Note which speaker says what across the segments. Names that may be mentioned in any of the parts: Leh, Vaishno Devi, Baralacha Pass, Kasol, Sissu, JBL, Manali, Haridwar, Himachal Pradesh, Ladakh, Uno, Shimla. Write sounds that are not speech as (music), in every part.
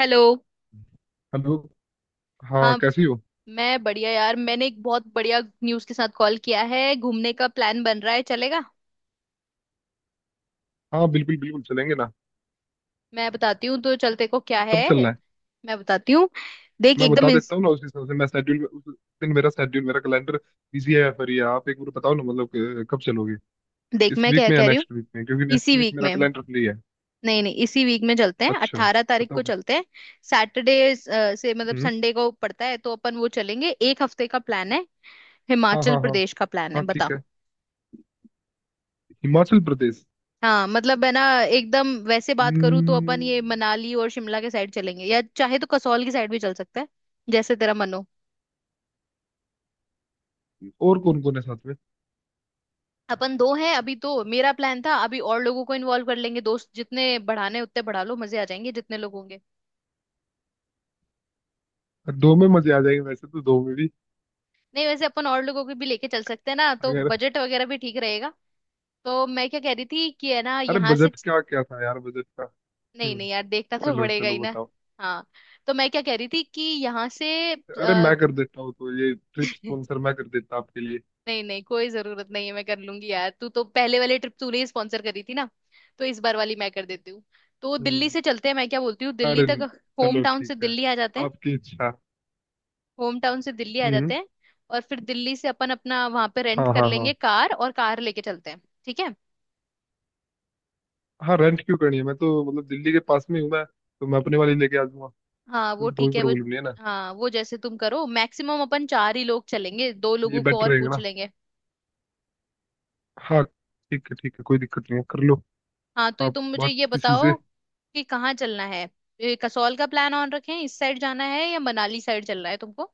Speaker 1: Hello.
Speaker 2: Hello. हाँ,
Speaker 1: हाँ,
Speaker 2: कैसी हो?
Speaker 1: मैं बढ़िया यार। मैंने एक बहुत बढ़िया न्यूज़ के साथ कॉल किया है, घूमने का प्लान बन रहा है, चलेगा?
Speaker 2: हाँ, बिल्कुल बिल्कुल चलेंगे ना।
Speaker 1: मैं बताती हूँ तो चलते को क्या
Speaker 2: कब
Speaker 1: है।
Speaker 2: चलना है?
Speaker 1: मैं बताती हूँ। देख
Speaker 2: मैं बता
Speaker 1: एकदम
Speaker 2: देता
Speaker 1: इंस...
Speaker 2: हूँ ना, उस हिसाब से मैं शेड्यूल, उस दिन मेरा शेड्यूल, मेरा कैलेंडर बिजी है या फिर ये। आप एक बार बताओ ना, मतलब कि कब चलोगे?
Speaker 1: देख,
Speaker 2: इस
Speaker 1: मैं
Speaker 2: वीक
Speaker 1: क्या
Speaker 2: में या
Speaker 1: कह रही हूँ।
Speaker 2: नेक्स्ट वीक में, क्योंकि नेक्स्ट
Speaker 1: इसी
Speaker 2: वीक
Speaker 1: वीक
Speaker 2: मेरा
Speaker 1: में।
Speaker 2: कैलेंडर फ्री है।
Speaker 1: नहीं नहीं, इसी वीक में चलते हैं,
Speaker 2: अच्छा,
Speaker 1: 18 तारीख
Speaker 2: बताओ
Speaker 1: को
Speaker 2: फिर।
Speaker 1: चलते हैं। सैटरडे से मतलब
Speaker 2: हम्म।
Speaker 1: संडे को पड़ता है तो अपन वो चलेंगे, एक हफ्ते का प्लान है।
Speaker 2: हाँ
Speaker 1: हिमाचल
Speaker 2: हाँ हाँ।
Speaker 1: प्रदेश का प्लान है,
Speaker 2: हाँ,
Speaker 1: बता।
Speaker 2: ठीक है। हिमाचल प्रदेश।
Speaker 1: हाँ, मतलब है ना, एकदम वैसे बात करूँ तो
Speaker 2: हम्म।
Speaker 1: अपन ये मनाली और शिमला के साइड चलेंगे, या चाहे तो कसौल की साइड भी चल सकता है। जैसे तेरा मन हो।
Speaker 2: और कौन कौन है साथ में?
Speaker 1: अपन दो हैं अभी, तो मेरा प्लान था अभी और लोगों को इन्वॉल्व कर लेंगे, दोस्त जितने बढ़ाने उतने बढ़ा लो, मजे आ जाएंगे जितने लोग होंगे।
Speaker 2: दो में मजे आ जाएंगे, वैसे तो दो में भी।
Speaker 1: नहीं, वैसे अपन और लोगों को भी लेके चल सकते हैं ना, तो
Speaker 2: अगर।
Speaker 1: बजट वगैरह भी ठीक रहेगा। तो मैं क्या कह रही थी कि है ना,
Speaker 2: अरे,
Speaker 1: यहाँ से।
Speaker 2: बजट का क्या था यार, बजट का।
Speaker 1: नहीं
Speaker 2: हम्म।
Speaker 1: नहीं यार, देखना तो
Speaker 2: चलो
Speaker 1: पड़ेगा ही
Speaker 2: चलो,
Speaker 1: ना।
Speaker 2: बताओ।
Speaker 1: हाँ, तो मैं क्या कह रही थी कि यहाँ से।
Speaker 2: अरे,
Speaker 1: अ,
Speaker 2: मैं कर देता हूँ तो, ये ट्रिप
Speaker 1: (laughs)
Speaker 2: स्पॉन्सर मैं कर देता आपके लिए।
Speaker 1: नहीं नहीं, कोई जरूरत नहीं है, मैं कर लूंगी यार। तू तो पहले वाले ट्रिप तूने ही स्पॉन्सर करी थी ना, तो इस बार वाली मैं कर देती हूँ। तो दिल्ली
Speaker 2: हम्म।
Speaker 1: से चलते हैं, मैं क्या बोलती हूँ, दिल्ली
Speaker 2: अरे,
Speaker 1: तक होम
Speaker 2: चलो
Speaker 1: टाउन से
Speaker 2: ठीक है,
Speaker 1: दिल्ली आ जाते हैं।
Speaker 2: आपकी इच्छा।
Speaker 1: होम टाउन से दिल्ली आ
Speaker 2: हम्म।
Speaker 1: जाते हैं, और फिर दिल्ली से अपन अपना वहां पे रेंट
Speaker 2: हाँ
Speaker 1: कर
Speaker 2: हाँ हाँ।
Speaker 1: लेंगे कार, और कार लेके चलते हैं, ठीक है।
Speaker 2: हाँ, रेंट क्यों करनी है? मैं तो मतलब दिल्ली के पास में हूँ, मैं तो मैं अपने वाली लेके आ जाऊंगा।
Speaker 1: हाँ, वो
Speaker 2: उसमें तो कोई
Speaker 1: ठीक है वो।
Speaker 2: प्रॉब्लम नहीं है ना।
Speaker 1: हाँ, वो जैसे तुम करो, मैक्सिमम अपन चार ही लोग चलेंगे, दो
Speaker 2: ये
Speaker 1: लोगों को
Speaker 2: बेटर
Speaker 1: और
Speaker 2: रहेगा
Speaker 1: पूछ
Speaker 2: ना।
Speaker 1: लेंगे।
Speaker 2: हाँ, ठीक है ठीक है, कोई दिक्कत नहीं है, कर लो।
Speaker 1: हाँ, तो ये
Speaker 2: आप
Speaker 1: तुम मुझे
Speaker 2: बात
Speaker 1: ये
Speaker 2: किसी से।
Speaker 1: बताओ कि कहाँ चलना है। ये कसौल का प्लान ऑन रखें, इस साइड जाना है, या मनाली साइड चलना है तुमको?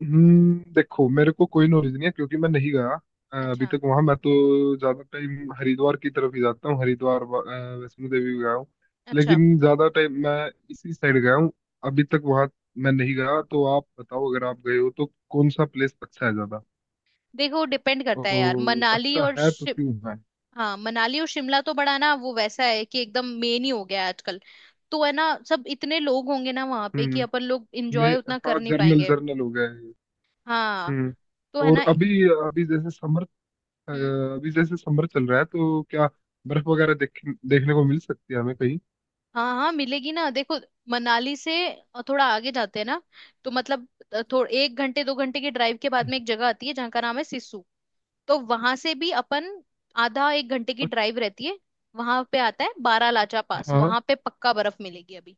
Speaker 2: देखो, मेरे को कोई नॉलेज नहीं है, क्योंकि मैं नहीं गया अभी
Speaker 1: अच्छा।
Speaker 2: तक वहां। मैं तो ज्यादा टाइम हरिद्वार की तरफ ही जाता हूँ, हरिद्वार वैष्णो देवी भी गया हूँ।
Speaker 1: अच्छा,
Speaker 2: लेकिन ज्यादा टाइम मैं इसी साइड गया हूँ, अभी तक वहां मैं नहीं गया। तो आप बताओ, अगर आप गए हो तो कौन सा प्लेस अच्छा है ज्यादा,
Speaker 1: देखो डिपेंड करता है यार,
Speaker 2: और
Speaker 1: मनाली
Speaker 2: अच्छा
Speaker 1: और
Speaker 2: है तो
Speaker 1: शिम...
Speaker 2: क्यों है?
Speaker 1: हाँ, मनाली और शिमला तो बड़ा ना, वो वैसा है कि एकदम मेन ही हो गया है आजकल। तो है ना, सब इतने लोग होंगे ना वहां पे कि
Speaker 2: हम्म।
Speaker 1: अपन लोग
Speaker 2: मैं
Speaker 1: इंजॉय उतना
Speaker 2: हाँ,
Speaker 1: कर नहीं
Speaker 2: जर्नल
Speaker 1: पाएंगे।
Speaker 2: जर्नल हो गया है।
Speaker 1: हाँ।
Speaker 2: हम्म।
Speaker 1: तो है
Speaker 2: और
Speaker 1: ना।
Speaker 2: अभी अभी जैसे समर अ,
Speaker 1: हम्म।
Speaker 2: अभी जैसे समर चल रहा है तो क्या बर्फ वगैरह देखने को मिल सकती है हमें कहीं?
Speaker 1: हाँ हाँ, मिलेगी ना, देखो। मनाली से थोड़ा आगे जाते हैं ना, तो मतलब थोड़ा एक घंटे दो घंटे के ड्राइव के बाद में एक जगह आती है जहाँ का नाम है सिस्सू। तो वहां से भी अपन आधा एक घंटे की
Speaker 2: अच्छा।
Speaker 1: ड्राइव रहती है। वहां पे आता है बारालाचा पास,
Speaker 2: हाँ,
Speaker 1: वहां पे पक्का बर्फ मिलेगी अभी।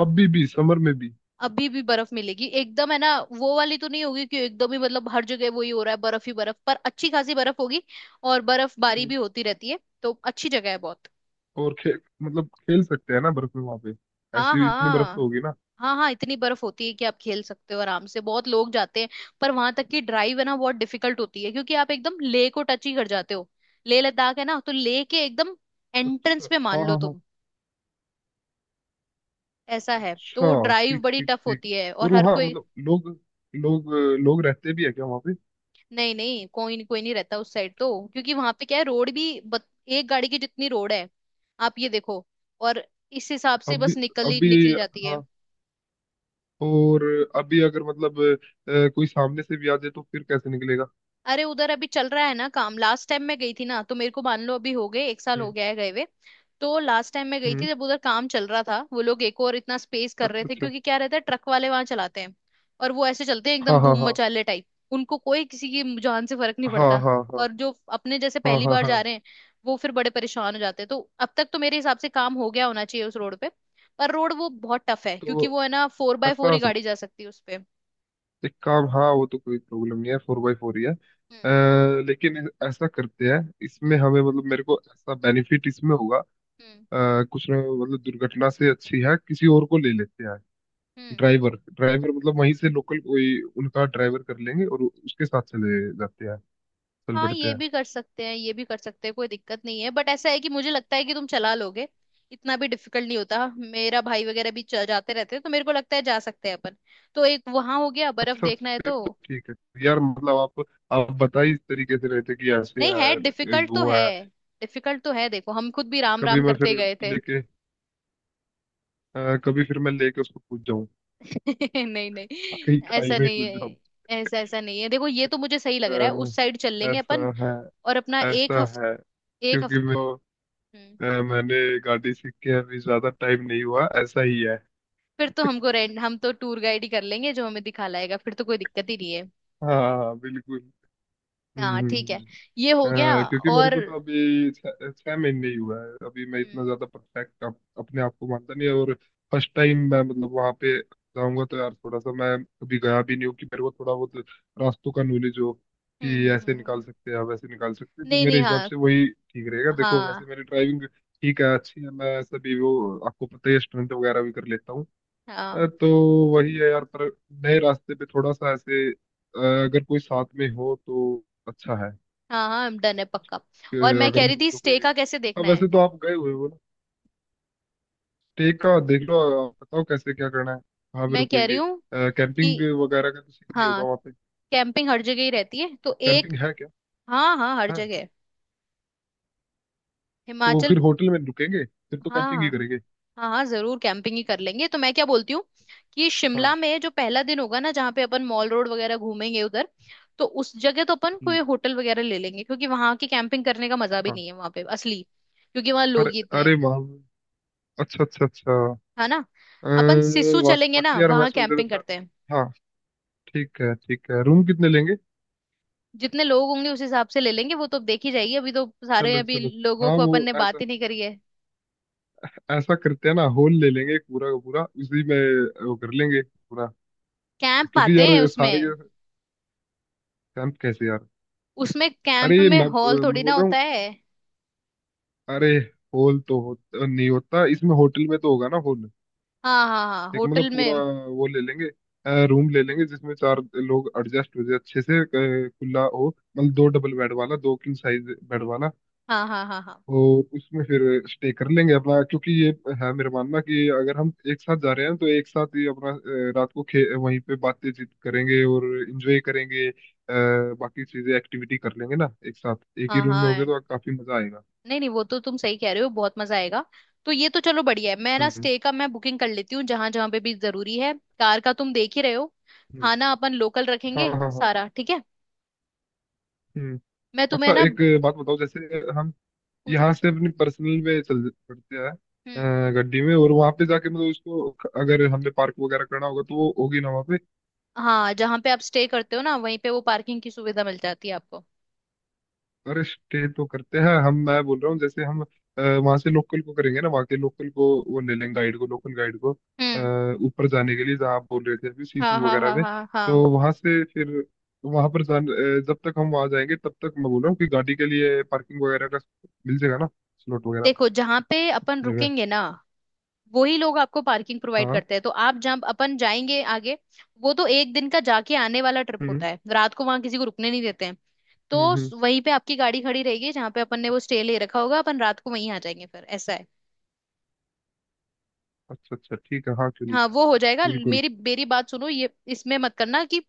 Speaker 2: अभी भी समर में भी।
Speaker 1: अभी भी बर्फ मिलेगी एकदम, है ना। वो वाली तो नहीं होगी कि एकदम ही, मतलब हर जगह वही हो रहा है बर्फ ही बर्फ, पर अच्छी खासी बर्फ होगी। और बर्फबारी
Speaker 2: हम्म,
Speaker 1: भी होती रहती है, तो अच्छी जगह है बहुत।
Speaker 2: और मतलब खेल सकते हैं ना बर्फ में वहां पे?
Speaker 1: हाँ
Speaker 2: ऐसी इतनी बर्फ तो
Speaker 1: हाँ।
Speaker 2: होगी ना?
Speaker 1: हाँ हाँ, इतनी बर्फ होती है कि आप खेल सकते हो आराम से, बहुत लोग जाते हैं। पर वहां तक की ड्राइव है ना, बहुत डिफिकल्ट होती है, क्योंकि आप एकदम लेह को टच ही कर जाते हो। लेह लद्दाख है ना, तो लेह के एकदम एंट्रेंस
Speaker 2: अच्छा।
Speaker 1: पे मान
Speaker 2: हाँ
Speaker 1: लो
Speaker 2: हाँ हाँ।
Speaker 1: तुम, ऐसा है, तो
Speaker 2: अच्छा,
Speaker 1: ड्राइव
Speaker 2: ठीक
Speaker 1: बड़ी
Speaker 2: ठीक
Speaker 1: टफ
Speaker 2: ठीक।
Speaker 1: होती है,
Speaker 2: और
Speaker 1: और हर
Speaker 2: वहाँ
Speaker 1: कोई...
Speaker 2: मतलब लोग लोग लोग रहते भी है क्या वहाँ पे?
Speaker 1: नहीं नहीं, कोई नहीं, कोई नहीं रहता उस साइड तो, क्योंकि वहां पे क्या है, एक गाड़ी की जितनी रोड है, आप ये देखो। और इस हिसाब से
Speaker 2: अभी
Speaker 1: बस निकली
Speaker 2: अभी
Speaker 1: निकली जाती है।
Speaker 2: हाँ। और अभी अगर मतलब कोई सामने से भी आ जाए तो फिर कैसे निकलेगा?
Speaker 1: अरे उधर अभी चल रहा है ना काम, लास्ट टाइम मैं गई थी ना, तो मेरे को मान लो अभी हो गए, एक साल हो
Speaker 2: हम्म।
Speaker 1: गया है गए हुए। तो लास्ट टाइम मैं गई थी
Speaker 2: हम्म।
Speaker 1: जब उधर काम चल रहा था, वो लोग एक और इतना स्पेस कर
Speaker 2: अच्छा
Speaker 1: रहे थे,
Speaker 2: अच्छा।
Speaker 1: क्योंकि क्या रहता है, ट्रक वाले वहां चलाते हैं। और वो ऐसे चलते हैं एकदम
Speaker 2: हाँ हाँ
Speaker 1: धूम
Speaker 2: हाँ।
Speaker 1: मचाले टाइप। उनको कोई किसी की जान से फर्क नहीं
Speaker 2: हाँ
Speaker 1: पड़ता।
Speaker 2: हाँ हाँ।
Speaker 1: और जो अपने जैसे
Speaker 2: हाँ
Speaker 1: पहली
Speaker 2: हाँ
Speaker 1: बार
Speaker 2: हाँ।
Speaker 1: जा रहे हैं, वो फिर बड़े परेशान हो जाते हैं। तो अब तक तो मेरे हिसाब से काम हो गया होना चाहिए उस रोड पे। पर रोड वो बहुत टफ है,
Speaker 2: तो
Speaker 1: क्योंकि वो है ना, फोर बाय फोर
Speaker 2: ऐसा,
Speaker 1: ही गाड़ी जा सकती है उस पे।
Speaker 2: एक काम, हाँ वो तो कोई प्रॉब्लम नहीं है, फोर बाई फोर ही है।
Speaker 1: हम्म।
Speaker 2: लेकिन ऐसा करते हैं, इसमें
Speaker 1: हम्म।
Speaker 2: हमें मतलब मेरे को ऐसा बेनिफिट इसमें होगा।
Speaker 1: हम्म।
Speaker 2: कुछ ना मतलब, दुर्घटना से अच्छी है, किसी और को ले लेते हैं।
Speaker 1: हम्म।
Speaker 2: ड्राइवर ड्राइवर मतलब वहीं से लोकल, कोई उनका ड्राइवर कर लेंगे और उसके साथ चले जाते हैं, चल
Speaker 1: हाँ,
Speaker 2: पड़ते
Speaker 1: ये
Speaker 2: हैं।
Speaker 1: भी कर सकते हैं, ये भी कर सकते हैं, कोई दिक्कत नहीं है, बट ऐसा है कि मुझे लगता है कि तुम चला लोगे। इतना भी डिफिकल्ट नहीं होता, मेरा भाई वगैरह भी जाते रहते हैं, तो मेरे को लगता है जा सकते हैं अपन। तो एक वहां हो गया, बर्फ
Speaker 2: अच्छा,
Speaker 1: देखना है
Speaker 2: फिर
Speaker 1: तो।
Speaker 2: तो ठीक है यार, मतलब आप बता ही इस तरीके से रहे थे कि ऐसे
Speaker 1: नहीं है,
Speaker 2: है
Speaker 1: डिफिकल्ट तो
Speaker 2: वो
Speaker 1: है।
Speaker 2: है।
Speaker 1: डिफिकल्ट तो है, देखो हम खुद भी राम
Speaker 2: कभी
Speaker 1: राम
Speaker 2: मैं
Speaker 1: करते
Speaker 2: फिर
Speaker 1: गए थे।
Speaker 2: लेके, कभी फिर मैं लेके उसको पूछ जाऊं,
Speaker 1: (laughs) नहीं नहीं,
Speaker 2: कहीं खाई
Speaker 1: ऐसा
Speaker 2: में
Speaker 1: नहीं
Speaker 2: कूद जाऊं।
Speaker 1: है। ऐसा ऐसा नहीं है, देखो, ये तो मुझे सही लग रहा है,
Speaker 2: अ,
Speaker 1: उस साइड चल लेंगे अपन।
Speaker 2: ऐसा है,
Speaker 1: और अपना एक
Speaker 2: ऐसा है,
Speaker 1: हफ्ते... एक
Speaker 2: क्योंकि
Speaker 1: हफ्ते
Speaker 2: मैंने गाड़ी सीख के अभी ज्यादा टाइम नहीं हुआ, ऐसा ही है।
Speaker 1: फिर तो हमको रेंट, हम तो टूर गाइड ही कर लेंगे जो हमें दिखा लाएगा, फिर तो कोई दिक्कत ही नहीं है।
Speaker 2: हाँ हाँ बिल्कुल। हम्म
Speaker 1: हाँ
Speaker 2: हम्म,
Speaker 1: ठीक है,
Speaker 2: हम्म।
Speaker 1: ये हो गया,
Speaker 2: क्योंकि मेरे
Speaker 1: और...
Speaker 2: को तो अभी छह छह महीने ही हुआ है, अभी मैं
Speaker 1: हम्म
Speaker 2: इतना ज्यादा परफेक्ट अपने आप को मानता नहीं। और फर्स्ट टाइम मैं मतलब वहां पे जाऊंगा तो यार, थोड़ा सा मैं अभी गया भी नहीं हूँ कि मेरे को थोड़ा बहुत रास्तों का नॉलेज हो
Speaker 1: हम्म
Speaker 2: कि
Speaker 1: हम्म
Speaker 2: ऐसे
Speaker 1: हम्म।
Speaker 2: निकाल सकते हैं या वैसे निकाल सकते हैं। तो
Speaker 1: नहीं
Speaker 2: मेरे
Speaker 1: नहीं,
Speaker 2: हिसाब
Speaker 1: हाँ।
Speaker 2: से वही ठीक रहेगा। देखो वैसे
Speaker 1: हाँ
Speaker 2: मेरी ड्राइविंग ठीक है, अच्छी है, मैं सभी वो आपको पता ही है, स्टंट वगैरह भी कर लेता हूँ।
Speaker 1: हाँ
Speaker 2: तो वही है यार, पर नए रास्ते पे थोड़ा सा ऐसे, अगर कोई साथ में हो तो अच्छा है
Speaker 1: हाँ हाँ, डन है पक्का।
Speaker 2: कि।
Speaker 1: और मैं
Speaker 2: अगर
Speaker 1: कह रही
Speaker 2: मतलब
Speaker 1: थी
Speaker 2: जो
Speaker 1: स्टे
Speaker 2: कोई,
Speaker 1: का कैसे
Speaker 2: अब
Speaker 1: देखना है।
Speaker 2: वैसे तो आप गए हुए हो ना, स्टे का देख लो, आप बताओ कैसे क्या करना है, कहाँ पे
Speaker 1: मैं कह रही
Speaker 2: रुकेंगे?
Speaker 1: हूँ
Speaker 2: कैंपिंग
Speaker 1: कि
Speaker 2: वगैरह का तो सीन नहीं होगा
Speaker 1: हाँ,
Speaker 2: वहाँ पे?
Speaker 1: कैंपिंग हर जगह ही रहती है तो एक...
Speaker 2: कैंपिंग है क्या?
Speaker 1: हाँ हाँ, हर
Speaker 2: है
Speaker 1: जगह
Speaker 2: तो
Speaker 1: हिमाचल।
Speaker 2: फिर होटल में रुकेंगे, फिर तो
Speaker 1: हाँ
Speaker 2: कैंपिंग ही
Speaker 1: हाँ।
Speaker 2: करेंगे।
Speaker 1: हाँ हाँ, जरूर कैंपिंग ही कर लेंगे। तो मैं क्या बोलती हूँ कि
Speaker 2: हाँ।
Speaker 1: शिमला में जो पहला दिन होगा ना, जहाँ पे अपन मॉल रोड वगैरह घूमेंगे उधर, तो उस जगह तो अपन कोई
Speaker 2: हम्म,
Speaker 1: होटल वगैरह ले लेंगे, क्योंकि वहां की कैंपिंग करने का मजा भी
Speaker 2: हाँ।
Speaker 1: नहीं है वहां पे असली, क्योंकि वहां लोग
Speaker 2: अरे,
Speaker 1: ही इतने
Speaker 2: अरे
Speaker 1: हैं।
Speaker 2: वहाँ अच्छा अच्छा अच्छा।
Speaker 1: है ना। अपन सिसु चलेंगे ना,
Speaker 2: बाकी यार मैं
Speaker 1: वहां
Speaker 2: सोच रहा
Speaker 1: कैंपिंग
Speaker 2: था।
Speaker 1: करते हैं।
Speaker 2: हाँ, ठीक है ठीक है, रूम कितने लेंगे?
Speaker 1: जितने लोग होंगे उस हिसाब से ले लेंगे, वो तो देखी जाएगी, अभी तो सारे
Speaker 2: चलो
Speaker 1: अभी
Speaker 2: चलो।
Speaker 1: लोगों
Speaker 2: हाँ,
Speaker 1: को
Speaker 2: वो
Speaker 1: अपन ने बात
Speaker 2: ऐसा,
Speaker 1: ही नहीं करी है।
Speaker 2: ऐसा करते हैं ना, हॉल ले लेंगे पूरा का पूरा, उसी में वो कर लेंगे पूरा।
Speaker 1: कैंप
Speaker 2: क्योंकि
Speaker 1: आते
Speaker 2: यार
Speaker 1: हैं
Speaker 2: सारे
Speaker 1: उसमें।
Speaker 2: के, कैंप कैसे यार?
Speaker 1: उसमें
Speaker 2: अरे
Speaker 1: कैंप
Speaker 2: ये
Speaker 1: में हॉल थोड़ी
Speaker 2: मैं
Speaker 1: ना
Speaker 2: बोल रहा हूँ,
Speaker 1: होता है।
Speaker 2: अरे होल तो नहीं होता इसमें, होटल में तो होगा ना होल।
Speaker 1: हाँ हाँ हाँ,
Speaker 2: एक मतलब
Speaker 1: होटल
Speaker 2: पूरा
Speaker 1: में।
Speaker 2: वो ले लेंगे, रूम ले लेंगे जिसमें चार लोग एडजस्ट हो जाए अच्छे से, खुला हो, मतलब दो डबल बेड वाला, दो किंग साइज बेड वाला।
Speaker 1: हाँ हाँ हाँ हाँ
Speaker 2: और उसमें फिर स्टे कर लेंगे अपना। क्योंकि ये है मेरा मानना कि अगर हम एक साथ जा रहे हैं तो एक साथ ही अपना, रात को खे वहीं पे बातचीत करेंगे और एंजॉय करेंगे, बाकी चीजें एक्टिविटी कर लेंगे ना। एक साथ एक ही
Speaker 1: हाँ
Speaker 2: रूम में होगे
Speaker 1: हाँ।
Speaker 2: तो काफी मजा आएगा।
Speaker 1: नहीं नहीं, वो तो तुम सही कह रहे हो, बहुत मजा आएगा। तो ये तो चलो बढ़िया है, मैं ना
Speaker 2: हम्म
Speaker 1: स्टे का मैं बुकिंग कर लेती हूँ जहां जहां पे भी जरूरी है। कार का तुम देख ही रहे हो।
Speaker 2: हम्म।
Speaker 1: खाना अपन लोकल
Speaker 2: हाँ
Speaker 1: रखेंगे
Speaker 2: हाँ हाँ।
Speaker 1: सारा, ठीक है।
Speaker 2: हम्म।
Speaker 1: मैं तुम्हें
Speaker 2: अच्छा,
Speaker 1: ना...
Speaker 2: एक बात बताओ, जैसे हम
Speaker 1: पूछो
Speaker 2: यहाँ से
Speaker 1: पूछो।
Speaker 2: अपनी पर्सनल में चल पड़ते हैं,
Speaker 1: हम्म।
Speaker 2: गड्डी में, और वहां पे जाके मतलब उसको, अगर हमने पार्क वगैरह करना होगा तो वो होगी ना वहाँ पे?
Speaker 1: हाँ, जहां पे आप स्टे करते हो ना, वहीं पे वो पार्किंग की सुविधा मिल जाती है आपको।
Speaker 2: अरे स्टे तो करते हैं हम, मैं बोल रहा हूँ जैसे हम वहां से लोकल को करेंगे ना, वहाँ के लोकल को, वो ले लेंगे गाइड को, लोकल गाइड को।
Speaker 1: हम्म।
Speaker 2: ऊपर जाने के लिए जहाँ आप बोल रहे थे अभी
Speaker 1: हाँ
Speaker 2: सीसू
Speaker 1: हाँ
Speaker 2: वगैरह
Speaker 1: हाँ
Speaker 2: में,
Speaker 1: हाँ
Speaker 2: तो
Speaker 1: हाँ।
Speaker 2: वहां से फिर वहां पर जान, जब तक हम वहां जाएंगे तब तक, मैं बोल रहा हूँ कि गाड़ी के लिए पार्किंग वगैरह का मिल जाएगा ना, स्लॉट वगैरह,
Speaker 1: देखो, जहां पे अपन
Speaker 2: जगह?
Speaker 1: रुकेंगे ना, वही लोग आपको पार्किंग प्रोवाइड
Speaker 2: हाँ।
Speaker 1: करते हैं, तो आप जब अपन जाएंगे आगे, वो तो एक दिन का जाके आने वाला ट्रिप
Speaker 2: हम्म
Speaker 1: होता है, रात को वहां किसी को रुकने नहीं देते हैं। तो
Speaker 2: हम्म।
Speaker 1: वहीं पे आपकी गाड़ी खड़ी रहेगी जहाँ पे अपन ने वो स्टे ले रखा होगा, अपन रात को वहीं आ जाएंगे, फिर ऐसा है।
Speaker 2: अच्छा अच्छा ठीक है, हाँ क्यों नहीं,
Speaker 1: हाँ वो हो जाएगा।
Speaker 2: बिल्कुल।
Speaker 1: मेरी मेरी बात सुनो, ये इसमें मत करना कि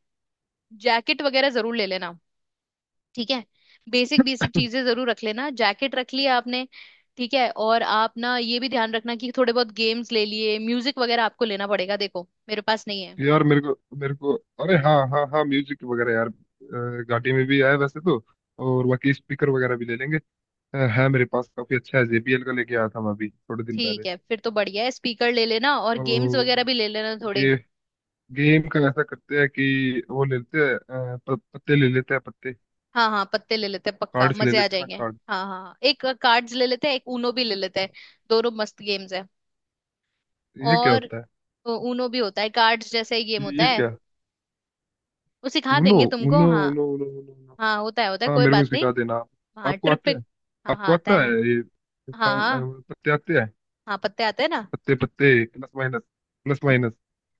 Speaker 1: जैकेट वगैरह जरूर ले लेना, ठीक है। बेसिक बेसिक चीजें जरूर रख लेना, जैकेट रख लिया आपने? ठीक है। और आप ना ये भी ध्यान रखना कि थोड़े बहुत गेम्स ले लिए, म्यूजिक वगैरह आपको लेना पड़ेगा, देखो मेरे पास नहीं है।
Speaker 2: यार मेरे को, मेरे को, अरे हाँ हाँ हाँ, म्यूजिक वगैरह यार, गाड़ी में भी आया वैसे तो, और बाकी स्पीकर वगैरह भी ले लेंगे। है मेरे पास काफी अच्छा है, जेबीएल का लेके आया था मैं अभी थोड़े दिन पहले।
Speaker 1: ठीक है, फिर तो बढ़िया है, स्पीकर ले लेना, और गेम्स वगैरह
Speaker 2: और
Speaker 1: भी ले लेना थोड़े।
Speaker 2: गे, गेम का ऐसा करते हैं कि वो ले लेते हैं, पत्ते ले लेते हैं, पत्ते,
Speaker 1: हाँ हाँ, पत्ते ले लेते हैं, पक्का
Speaker 2: कार्ड्स ले
Speaker 1: मजे आ
Speaker 2: लेते हैं ना,
Speaker 1: जाएंगे।
Speaker 2: कार्ड।
Speaker 1: हाँ हाँ हाँ, एक कार्ड्स ले लेते हैं, एक ऊनो भी ले लेते हैं, दोनों मस्त गेम्स है।
Speaker 2: ये क्या
Speaker 1: और
Speaker 2: होता है?
Speaker 1: ऊनो भी होता है, कार्ड्स जैसा ही गेम होता
Speaker 2: ये
Speaker 1: है,
Speaker 2: क्या?
Speaker 1: वो सिखा
Speaker 2: उनो,
Speaker 1: देंगे तुमको,
Speaker 2: उनो
Speaker 1: हाँ।
Speaker 2: उनो उनो उनो उनो।
Speaker 1: हाँ, होता है होता है,
Speaker 2: हाँ,
Speaker 1: कोई
Speaker 2: मेरे को
Speaker 1: बात
Speaker 2: सिखा
Speaker 1: नहीं।
Speaker 2: देना आप।
Speaker 1: हाँ,
Speaker 2: आपको
Speaker 1: ट्रिप
Speaker 2: आते
Speaker 1: पे।
Speaker 2: हैं?
Speaker 1: हाँ हाँ,
Speaker 2: आपको
Speaker 1: आता है
Speaker 2: आता है
Speaker 1: ना।
Speaker 2: ये
Speaker 1: हाँ हाँ
Speaker 2: पत्ते आते हैं?
Speaker 1: हाँ, पत्ते आते हैं ना।
Speaker 2: पत्ते, पत्ते, प्लस माइनस, प्लस माइनस।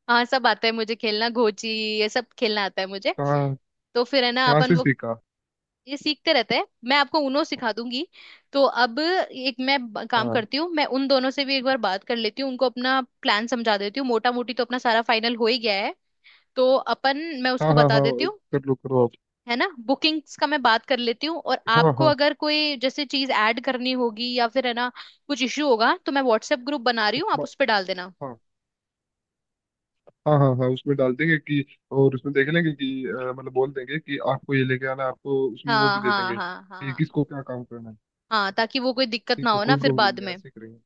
Speaker 1: हाँ, सब आता है मुझे, खेलना घोची ये सब खेलना आता है मुझे।
Speaker 2: कहाँ?
Speaker 1: तो फिर है ना,
Speaker 2: कहाँ
Speaker 1: अपन
Speaker 2: से
Speaker 1: वो
Speaker 2: सीखा?
Speaker 1: ये सीखते रहते हैं, मैं आपको उनो सिखा दूंगी। तो अब एक मैं काम
Speaker 2: हाँ
Speaker 1: करती हूँ, मैं उन दोनों से भी एक बार बात कर लेती हूँ, उनको अपना प्लान समझा देती हूँ, मोटा मोटी तो अपना सारा फाइनल हो ही गया है। तो अपन... मैं
Speaker 2: हाँ
Speaker 1: उसको
Speaker 2: हाँ।
Speaker 1: बता
Speaker 2: हाँ,
Speaker 1: देती हूँ,
Speaker 2: कर लो, करो आप।
Speaker 1: है ना, बुकिंग्स का मैं बात कर लेती हूँ। और
Speaker 2: हाँ
Speaker 1: आपको
Speaker 2: हाँ।
Speaker 1: अगर कोई जैसे चीज ऐड करनी होगी या फिर है ना, कुछ इश्यू होगा, तो मैं व्हाट्सएप ग्रुप बना रही
Speaker 2: एक
Speaker 1: हूँ, आप
Speaker 2: बार।
Speaker 1: उस पर डाल देना।
Speaker 2: हाँ हाँ हाँ हाँ, उसमें डाल देंगे कि, और उसमें देख लेंगे कि, मतलब बोल देंगे कि आपको ये लेके आना है, आपको उसमें वो भी
Speaker 1: हाँ
Speaker 2: दे
Speaker 1: हाँ
Speaker 2: देंगे
Speaker 1: हाँ हाँ
Speaker 2: कि
Speaker 1: हाँ
Speaker 2: किसको क्या काम करना है।
Speaker 1: हाँ, ताकि वो कोई दिक्कत
Speaker 2: ठीक
Speaker 1: ना
Speaker 2: है,
Speaker 1: हो ना
Speaker 2: कोई
Speaker 1: फिर
Speaker 2: प्रॉब्लम
Speaker 1: बाद
Speaker 2: नहीं है,
Speaker 1: में।
Speaker 2: ऐसे ही करेंगे।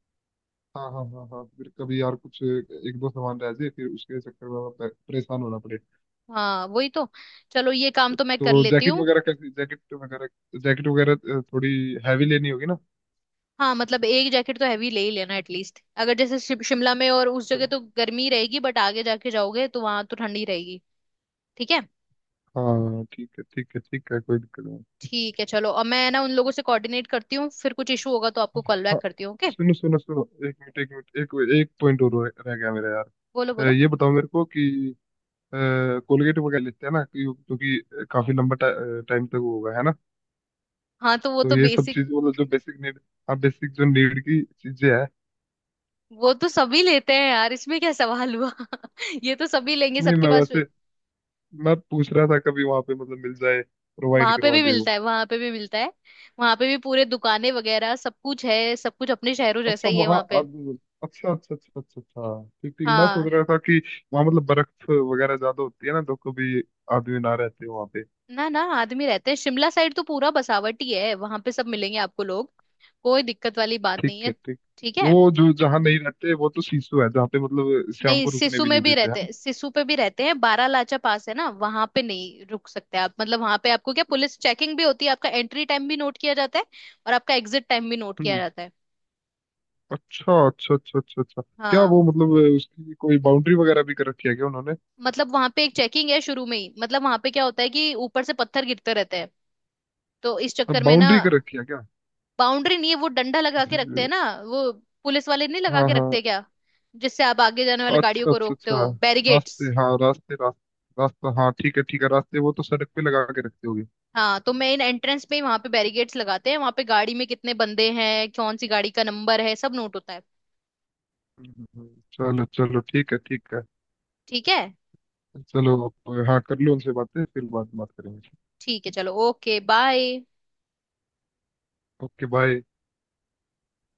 Speaker 2: हाँ हाँ हाँ हाँ। फिर कभी यार कुछ एक दो सामान रह जाए, फिर उसके चक्कर में परेशान होना पड़े।
Speaker 1: हाँ वही तो। चलो, ये काम तो मैं कर
Speaker 2: तो
Speaker 1: लेती
Speaker 2: जैकेट
Speaker 1: हूँ।
Speaker 2: वगैरह, कैसी जैकेट वगैरह, जैकेट वगैरह थोड़ी हैवी लेनी होगी ना?
Speaker 1: हाँ, मतलब एक जैकेट तो हैवी ले ही लेना एटलीस्ट, अगर जैसे शिमला में और उस जगह तो गर्मी रहेगी, बट आगे जाके जाओगे तो वहां तो ठंडी रहेगी। ठीक है।
Speaker 2: हाँ, ठीक है ठीक है ठीक है, कोई दिक्कत नहीं।
Speaker 1: ठीक है, चलो अब मैं ना उन लोगों से कोऑर्डिनेट करती हूँ, फिर कुछ इशू होगा तो आपको कॉल
Speaker 2: हाँ।
Speaker 1: बैक करती हूँ, ओके।
Speaker 2: सुनो सुनो सुनो, एक मिनट एक मिनट, एक एक पॉइंट और रह रह गया मेरा यार।
Speaker 1: बोलो बोलो।
Speaker 2: ये बताओ मेरे को कि, कोलगेट वगैरह लेते हैं ना, क्योंकि काफी लंबा टाइम तक वो होगा है ना।
Speaker 1: हाँ, तो वो
Speaker 2: तो
Speaker 1: तो
Speaker 2: ये सब
Speaker 1: बेसिक...
Speaker 2: चीज मतलब जो बेसिक नीड, हाँ बेसिक जो नीड की चीजें है।
Speaker 1: वो तो सभी लेते हैं यार, इसमें क्या सवाल हुआ। (laughs) ये तो सभी लेंगे
Speaker 2: नहीं,
Speaker 1: सबके
Speaker 2: मैं
Speaker 1: पास।
Speaker 2: वैसे, मैं पूछ रहा था कभी वहां पे मतलब मिल जाए, प्रोवाइड
Speaker 1: वहां पे
Speaker 2: करवा
Speaker 1: भी
Speaker 2: दे वो।
Speaker 1: मिलता है, वहां पे भी मिलता है। वहां पे भी पूरे दुकानें वगैरह सब कुछ है, सब कुछ अपने शहरों जैसा
Speaker 2: अच्छा
Speaker 1: ही है
Speaker 2: वहाँ
Speaker 1: वहां पे।
Speaker 2: अब- अच्छा अच्छा अच्छा अच्छा अच्छा, ठीक ठीक। मैं
Speaker 1: हाँ।
Speaker 2: सोच रहा था कि वहाँ मतलब बर्फ वगैरह ज्यादा होती है ना, तो कभी आदमी ना रहते वहाँ पे।
Speaker 1: ना ना, आदमी रहते हैं, शिमला साइड तो पूरा बसावट ही है, वहां पे सब मिलेंगे आपको लोग। कोई दिक्कत वाली बात
Speaker 2: ठीक
Speaker 1: नहीं
Speaker 2: है,
Speaker 1: है।
Speaker 2: ठीक।
Speaker 1: ठीक है।
Speaker 2: वो जो जहाँ नहीं रहते वो तो सीसू है, जहाँ पे मतलब शाम
Speaker 1: नहीं,
Speaker 2: को रुकने
Speaker 1: सिसु
Speaker 2: भी
Speaker 1: में
Speaker 2: नहीं
Speaker 1: भी
Speaker 2: देते, है
Speaker 1: रहते
Speaker 2: ना?
Speaker 1: हैं, सिसु पे भी रहते हैं, 12 लाचा पास है ना, वहां पे नहीं रुक सकते आप। मतलब वहां पे आपको क्या, पुलिस चेकिंग भी होती है, आपका एंट्री टाइम भी नोट किया जाता है और आपका एग्जिट टाइम भी नोट किया
Speaker 2: हम्म।
Speaker 1: जाता है।
Speaker 2: अच्छा अच्छा अच्छा अच्छा अच्छा। क्या
Speaker 1: हाँ।
Speaker 2: वो मतलब उसकी कोई बाउंड्री वगैरह भी कर रखी है क्या उन्होंने?
Speaker 1: मतलब वहां पे एक चेकिंग है शुरू में ही, मतलब वहां पे क्या होता है कि ऊपर से पत्थर गिरते रहते हैं, तो इस चक्कर में ना।
Speaker 2: बाउंड्री कर रखी है क्या?
Speaker 1: बाउंड्री नहीं है, वो डंडा लगा के
Speaker 2: किसी
Speaker 1: रखते हैं
Speaker 2: से।
Speaker 1: ना, वो पुलिस वाले नहीं लगा
Speaker 2: हाँ
Speaker 1: के
Speaker 2: हाँ।
Speaker 1: रखते क्या, जिससे आप आगे जाने वाली गाड़ियों
Speaker 2: अच्छा
Speaker 1: को
Speaker 2: अच्छा
Speaker 1: रोकते
Speaker 2: अच्छा।
Speaker 1: हो, बैरिगेट्स।
Speaker 2: रास्ते, हाँ रास्ते रास्ते, रास्ता, हाँ ठीक है ठीक है, रास्ते वो तो सड़क पे लगा के रखते होगे।
Speaker 1: हाँ, तो मेन एंट्रेंस पे ही वहां पे बैरिगेट्स लगाते हैं, वहां पे गाड़ी में कितने बंदे हैं, कौन सी गाड़ी का नंबर है, सब नोट होता है।
Speaker 2: चलो चलो, ठीक है ठीक है।
Speaker 1: ठीक है।
Speaker 2: चलो अब, हाँ कर लो उनसे बातें, फिर बाद में बात करेंगे।
Speaker 1: ठीक है, चलो ओके, बाय।
Speaker 2: Okay, bye.